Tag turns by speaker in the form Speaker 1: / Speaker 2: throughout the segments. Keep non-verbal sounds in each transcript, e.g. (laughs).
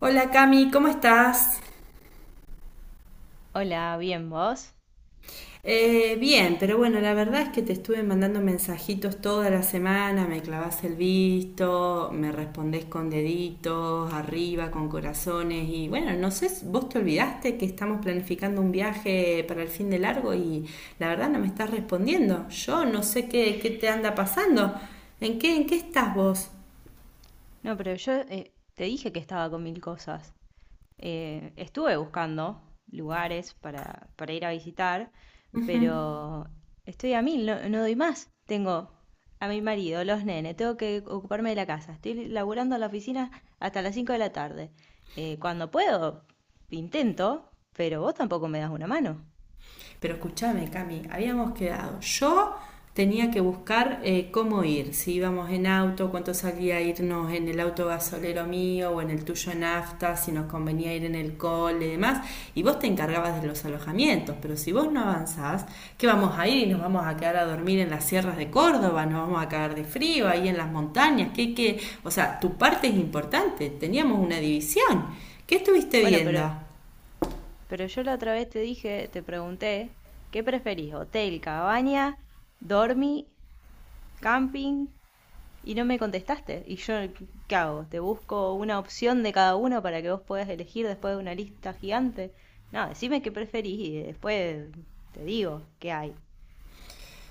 Speaker 1: Hola, Cami, ¿cómo estás?
Speaker 2: Hola, bien, ¿vos?
Speaker 1: Bien, pero bueno, la verdad es que te estuve mandando mensajitos toda la semana, me clavás el visto, me respondés con deditos, arriba, con corazones y bueno, no sé, vos te olvidaste que estamos planificando un viaje para el fin de largo y la verdad no me estás respondiendo. Yo no sé qué te anda pasando. ¿En qué estás vos?
Speaker 2: No, pero yo te dije que estaba con mil cosas. Estuve buscando lugares para ir a visitar, pero estoy a mil, no, no doy más. Tengo a mi marido, los nenes, tengo que ocuparme de la casa. Estoy laburando en la oficina hasta las 5 de la tarde. Cuando puedo, intento, pero vos tampoco me das una mano.
Speaker 1: Pero escúchame, Cami, habíamos quedado. Yo tenía que buscar cómo ir, si íbamos en auto, cuánto salía irnos en el auto gasolero mío o en el tuyo nafta, si nos convenía ir en el cole y demás. Y vos te encargabas de los alojamientos, pero si vos no avanzás, ¿qué vamos a ir? ¿Nos vamos a quedar a dormir en las sierras de Córdoba? ¿Nos vamos a caer de frío ahí en las montañas? ¿Qué, qué? O sea, tu parte es importante, teníamos una división. ¿Qué estuviste
Speaker 2: Bueno, pero,
Speaker 1: viendo?
Speaker 2: pero yo la otra vez te dije, te pregunté, ¿qué preferís? ¿Hotel, cabaña, dormi camping? Y no me contestaste. ¿Y yo qué hago? ¿Te busco una opción de cada uno para que vos puedas elegir después de una lista gigante? No, decime qué preferís y después te digo qué hay.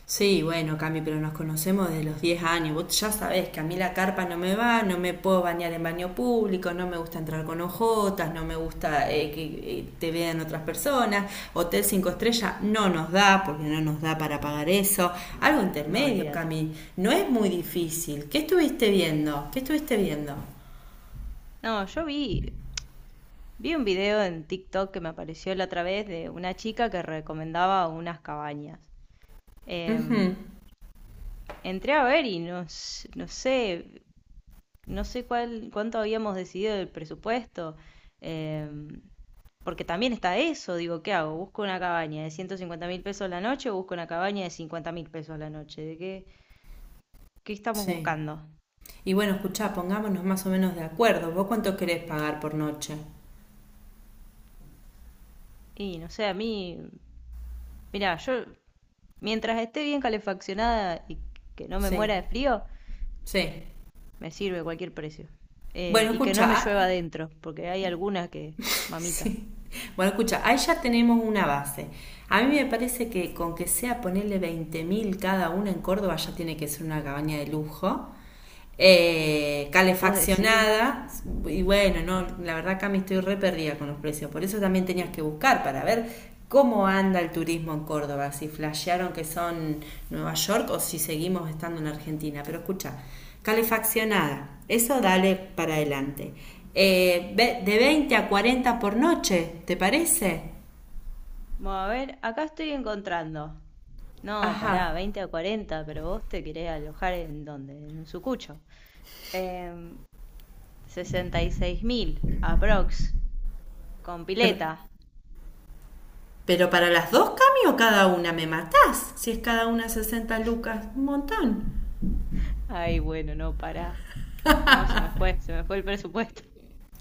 Speaker 1: Sí, bueno, Cami, pero nos conocemos desde los 10 años. Vos ya sabés que a mí la carpa no me va, no me puedo bañar en baño público, no me gusta entrar con ojotas, no me gusta que te vean otras personas. Hotel 5 estrellas no nos da, porque no nos da para pagar eso. Algo
Speaker 2: No,
Speaker 1: intermedio,
Speaker 2: olvídate.
Speaker 1: Cami. No es muy difícil. ¿Qué estuviste viendo? ¿Qué estuviste viendo?
Speaker 2: No, yo vi un video en TikTok que me apareció la otra vez de una chica que recomendaba unas cabañas. Em, Entré a ver y no, no sé cuánto habíamos decidido del presupuesto. Em, Porque también está eso, digo, ¿qué hago? ¿Busco una cabaña de 150 mil pesos la noche o busco una cabaña de 50 mil pesos la noche? ¿De qué estamos
Speaker 1: Sí.
Speaker 2: buscando?
Speaker 1: Y bueno, escuchá, pongámonos más o menos de acuerdo. ¿Vos cuánto querés pagar por noche?
Speaker 2: Y no sé, a mí, mira, yo mientras esté bien calefaccionada y que no me muera
Speaker 1: Sí,
Speaker 2: de frío,
Speaker 1: sí.
Speaker 2: me sirve cualquier precio.
Speaker 1: Bueno,
Speaker 2: Y que no me llueva
Speaker 1: escucha.
Speaker 2: adentro, porque hay algunas que, mamita,
Speaker 1: Sí. Bueno, escucha, ahí ya tenemos una base. A mí me parece que con que sea ponerle 20.000 cada una en Córdoba ya tiene que ser una cabaña de lujo.
Speaker 2: vos decís,
Speaker 1: Calefaccionada y bueno, no, la verdad acá me estoy re perdida con los precios, por eso también tenías que buscar para ver. ¿Cómo anda el turismo en Córdoba? Si flashearon que son Nueva York o si seguimos estando en Argentina. Pero escucha, calefaccionada, eso dale para adelante. Eh, de 20 a 40 por noche, ¿te parece?
Speaker 2: bueno, a ver, acá estoy encontrando. No, pará,
Speaker 1: Ajá.
Speaker 2: 20 a 40, pero vos te querés alojar en dónde, en un sucucho. Em, 66.000, aprox, con
Speaker 1: Pero,
Speaker 2: pileta.
Speaker 1: pero para las dos, Cami, o cada una, me matás. Si es cada una 60 lucas, un montón.
Speaker 2: Ay, bueno, no, pará. No, se me fue el presupuesto.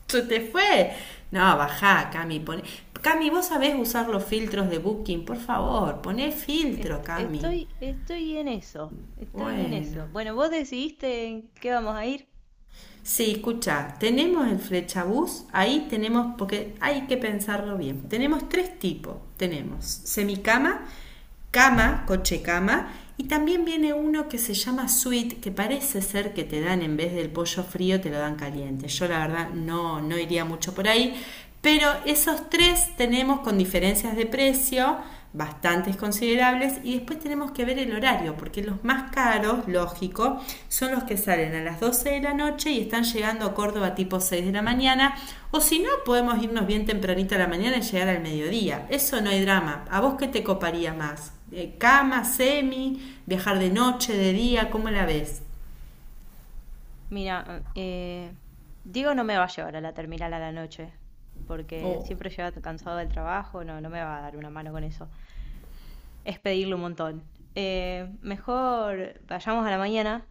Speaker 1: Se te fue. No, bajá, Cami. Pone... Cami, vos sabés usar los filtros de Booking, por favor. Poné filtro, Cami.
Speaker 2: Estoy en eso, estoy en eso.
Speaker 1: Bueno.
Speaker 2: Bueno, vos decidiste en qué vamos a ir.
Speaker 1: Sí, escucha, tenemos el flechabús, ahí tenemos, porque hay que pensarlo bien. Tenemos tres tipos. Tenemos semicama, cama, coche cama, y también viene uno que se llama suite, que parece ser que te dan en vez del pollo frío, te lo dan caliente. Yo la verdad no, no iría mucho por ahí, pero esos tres tenemos con diferencias de precio bastantes considerables y después tenemos que ver el horario porque los más caros, lógico, son los que salen a las 12 de la noche y están llegando a Córdoba tipo 6 de la mañana o si no podemos irnos bien tempranito a la mañana y llegar al mediodía. Eso no hay drama. ¿A vos qué te coparía más? ¿Cama, semi, viajar de noche, de día? ¿Cómo la ves?
Speaker 2: Mira, Diego no me va a llevar a la terminal a la noche, porque
Speaker 1: O
Speaker 2: siempre llega cansado del trabajo, no, no me va a dar una mano con eso. Es pedirle un montón. Mejor vayamos a la mañana.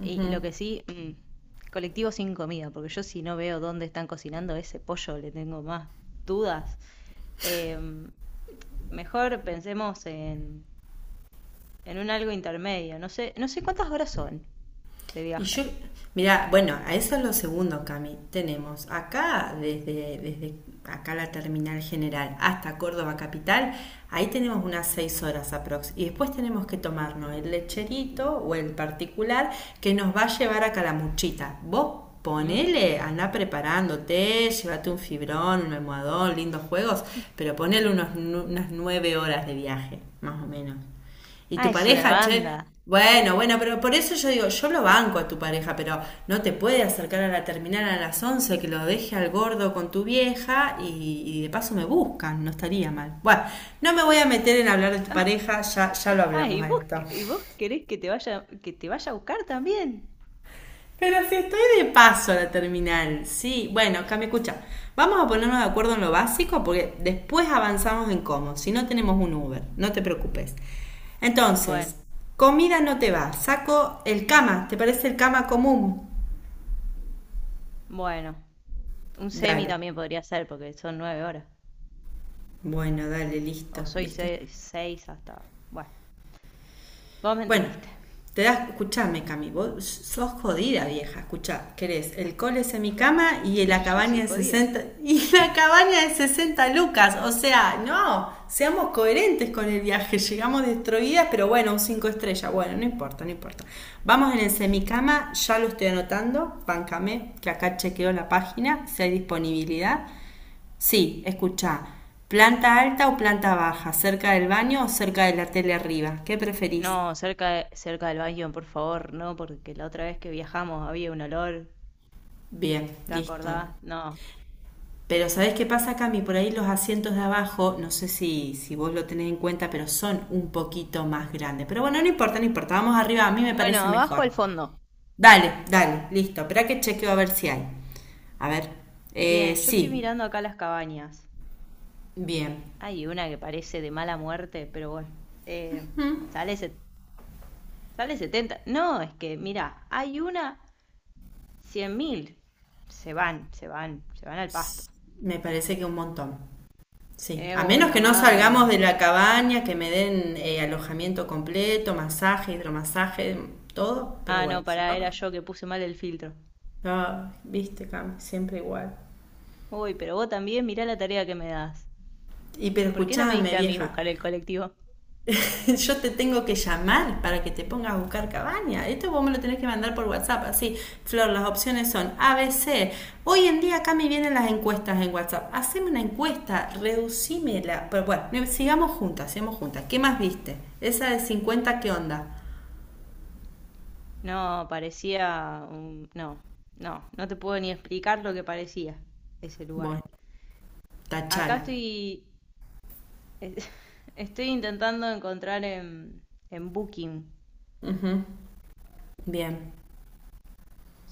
Speaker 2: Y lo que sí, colectivo sin comida, porque yo si no veo dónde están cocinando ese pollo, le tengo más dudas. Em, Mejor pensemos en un algo intermedio. No sé, no sé cuántas horas son de
Speaker 1: Y yo,
Speaker 2: viaje.
Speaker 1: mira, bueno, a eso es lo segundo, Cami. Tenemos acá, desde acá la terminal general hasta Córdoba capital, ahí tenemos unas 6 horas aprox. Y después tenemos que tomarnos el lecherito o el particular que nos va a llevar a Calamuchita. Vos
Speaker 2: ¿Mm?
Speaker 1: ponele, anda preparándote, llévate un fibrón, un almohadón, lindos juegos, pero ponele unos, unas 9 horas de viaje, más o menos. Y
Speaker 2: Ah,
Speaker 1: tu
Speaker 2: es una
Speaker 1: pareja, che,
Speaker 2: banda.
Speaker 1: bueno, bueno, pero por eso yo digo, yo lo banco a tu pareja, pero no te puede acercar a la terminal a las 11 que lo deje al gordo con tu vieja y de paso me buscan, no estaría mal. Bueno, no me voy a meter en hablar de
Speaker 2: (laughs)
Speaker 1: tu
Speaker 2: Ah,
Speaker 1: pareja, ya, ya lo hablamos
Speaker 2: ¿Y
Speaker 1: a
Speaker 2: vos,
Speaker 1: esto.
Speaker 2: querés que que te vaya a buscar también?
Speaker 1: Pero si estoy de paso a la terminal, sí. Bueno, acá me escucha. Vamos a ponernos de acuerdo en lo básico porque después avanzamos en cómo. Si no tenemos un Uber, no te preocupes. Entonces,
Speaker 2: Bueno,
Speaker 1: comida no te va. Saco el cama. ¿Te parece el cama común?
Speaker 2: bueno, un semi
Speaker 1: Dale.
Speaker 2: también podría ser, porque son 9 horas.
Speaker 1: Bueno, dale, listo,
Speaker 2: O soy
Speaker 1: listo.
Speaker 2: seis, hasta. Bueno, vos me
Speaker 1: Bueno,
Speaker 2: entendiste.
Speaker 1: te das, escuchame, Cami, vos sos jodida, vieja. Escuchá, querés el cole es en y la
Speaker 2: Yo soy
Speaker 1: cabaña de
Speaker 2: jodida.
Speaker 1: 60, y la cabaña de 60 lucas. O sea, no, seamos coherentes con el viaje. Llegamos destruidas, pero bueno, un 5 estrellas. Bueno, no importa, no importa. Vamos en el semicama, ya lo estoy anotando. Bancame, que acá chequeo la página, si hay disponibilidad. Sí, escuchá. Planta alta o planta baja, cerca del baño o cerca de la tele arriba. ¿Qué preferís?
Speaker 2: No, cerca del baño, por favor, no, porque la otra vez que viajamos había un olor,
Speaker 1: Bien,
Speaker 2: ¿te
Speaker 1: listo.
Speaker 2: acordás? No.
Speaker 1: Pero ¿sabés qué pasa, Cami? Por ahí los asientos de abajo, no sé si vos lo tenés en cuenta, pero son un poquito más grandes. Pero bueno, no importa, no importa. Vamos arriba, a mí me
Speaker 2: Bueno,
Speaker 1: parece
Speaker 2: abajo al
Speaker 1: mejor.
Speaker 2: fondo.
Speaker 1: Dale, dale, listo. Espera que chequeo a ver si hay. A ver.
Speaker 2: Bien, yo estoy
Speaker 1: Sí,
Speaker 2: mirando acá las cabañas.
Speaker 1: bien.
Speaker 2: Hay una que parece de mala muerte, pero bueno, eh, sale, se- sale 70. No, es que, mira, hay una 100.000. Se van, se van, se van al pasto.
Speaker 1: Me parece que un montón. Sí.
Speaker 2: Es
Speaker 1: A menos que
Speaker 2: una
Speaker 1: no salgamos
Speaker 2: banda.
Speaker 1: de la cabaña, que me den alojamiento completo, masaje, hidromasaje, todo. Pero
Speaker 2: Ah, no,
Speaker 1: bueno, si
Speaker 2: pará,
Speaker 1: no,
Speaker 2: era yo que puse mal el filtro.
Speaker 1: no, viste, Cami, siempre igual.
Speaker 2: Uy, pero vos también mirá la tarea que me das.
Speaker 1: Y pero
Speaker 2: ¿Por qué no me
Speaker 1: escuchame,
Speaker 2: diste a mí
Speaker 1: vieja,
Speaker 2: buscar el colectivo?
Speaker 1: (laughs) yo te tengo que llamar para que te pongas a buscar cabaña. Esto vos me lo tenés que mandar por WhatsApp, así. Flor, las opciones son ABC. Hoy en día acá me vienen las encuestas en WhatsApp. Haceme una encuesta, reducímela. Pero bueno, sigamos juntas, sigamos juntas. ¿Qué más viste? Esa de cincuenta, ¿qué onda?
Speaker 2: No, parecía un… No, no, no te puedo ni explicar lo que parecía ese lugar.
Speaker 1: Bueno,
Speaker 2: Acá
Speaker 1: tachala.
Speaker 2: estoy, es- (laughs) estoy intentando encontrar en Booking.
Speaker 1: Ujú. Bien.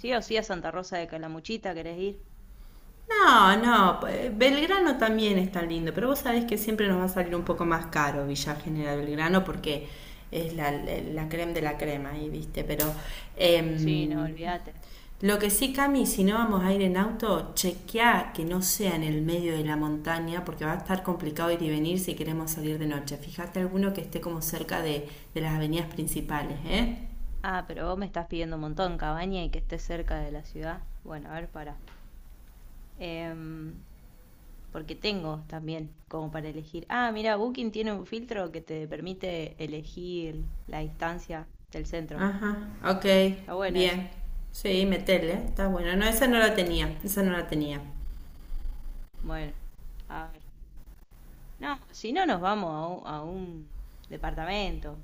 Speaker 2: Sí o sí a Santa Rosa de Calamuchita, ¿querés ir?
Speaker 1: No, no, Belgrano también está lindo, pero vos sabés que siempre nos va a salir un poco más caro Villa General Belgrano porque es la creme de la crema ahí, viste, pero
Speaker 2: Sí, no,
Speaker 1: em,
Speaker 2: olvídate.
Speaker 1: lo que sí, Cami, si no vamos a ir en auto, chequeá que no sea en el medio de la montaña porque va a estar complicado ir y venir si queremos salir de noche. Fíjate alguno que esté como cerca de las avenidas principales, ¿eh?
Speaker 2: Ah, pero vos me estás pidiendo un montón, cabaña y que esté cerca de la ciudad. Bueno, a ver, para porque tengo también como para elegir. Ah, mira, Booking tiene un filtro que te permite elegir la distancia del centro.
Speaker 1: Ajá, ok,
Speaker 2: Está bueno eso.
Speaker 1: bien. Sí, metele, está bueno. No, esa no la tenía, esa no la tenía.
Speaker 2: Bueno, a ver. No, si no nos vamos a un departamento.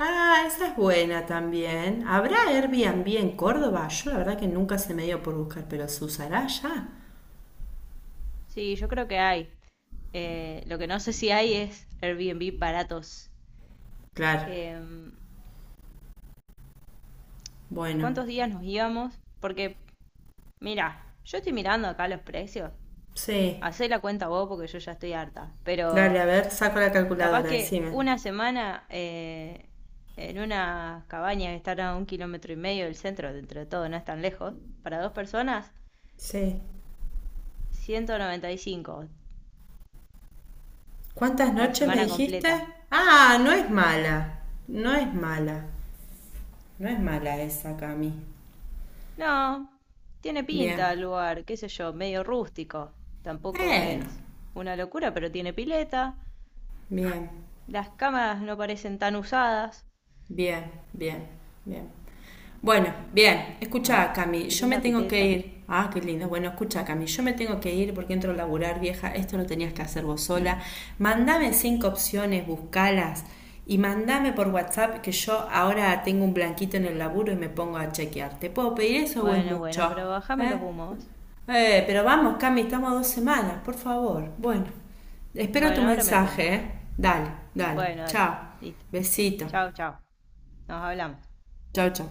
Speaker 1: Ah, esa es buena también. ¿Habrá Airbnb en Córdoba? Yo la verdad que nunca se me dio por buscar, pero ¿se usará ya?
Speaker 2: Sí, yo creo que hay. Lo que no sé si hay es Airbnb baratos.
Speaker 1: Claro,
Speaker 2: Em,
Speaker 1: bueno,
Speaker 2: ¿Cuántos días nos íbamos? Porque, mira, yo estoy mirando acá los precios.
Speaker 1: sí.
Speaker 2: Hacé la cuenta vos porque yo ya estoy harta.
Speaker 1: Dale,
Speaker 2: Pero
Speaker 1: a ver, saco la
Speaker 2: capaz
Speaker 1: calculadora,
Speaker 2: que
Speaker 1: decime.
Speaker 2: una semana en una cabaña que está a un kilómetro y medio del centro, dentro de todo, no es tan lejos, para dos personas,
Speaker 1: Sí.
Speaker 2: 195.
Speaker 1: ¿Cuántas
Speaker 2: La
Speaker 1: noches me
Speaker 2: semana
Speaker 1: dijiste?
Speaker 2: completa.
Speaker 1: Ah, no es mala. No es mala. No es mala esa, Cami.
Speaker 2: No, tiene
Speaker 1: Bien.
Speaker 2: pinta el lugar, qué sé yo, medio rústico. Tampoco
Speaker 1: Bueno,
Speaker 2: es una locura, pero tiene pileta.
Speaker 1: bien,
Speaker 2: Las cámaras no parecen tan usadas.
Speaker 1: bien, bien, bien. Bueno, bien, escucha,
Speaker 2: Ah,
Speaker 1: Cami,
Speaker 2: qué
Speaker 1: yo me
Speaker 2: linda
Speaker 1: tengo que
Speaker 2: pileta.
Speaker 1: ir. Ah, qué lindo. Bueno, escucha, Cami, yo me tengo que ir porque entro a laburar, vieja. Esto lo tenías que hacer vos sola. Mandame cinco opciones, buscalas y mandame por WhatsApp que yo ahora tengo un blanquito en el laburo y me pongo a chequear. ¿Te puedo pedir eso o es
Speaker 2: Bueno, bueno,
Speaker 1: mucho?
Speaker 2: pero bájame
Speaker 1: ¿Eh?
Speaker 2: los humos.
Speaker 1: Pero vamos, Cami, estamos a 2 semanas, por favor. Bueno, espero tu
Speaker 2: Bueno, ahora me pongo.
Speaker 1: mensaje, ¿eh? Dale, dale.
Speaker 2: Bueno, dale.
Speaker 1: Chao.
Speaker 2: Listo.
Speaker 1: Besito.
Speaker 2: Chao, chao. Nos hablamos.
Speaker 1: Chao, chao.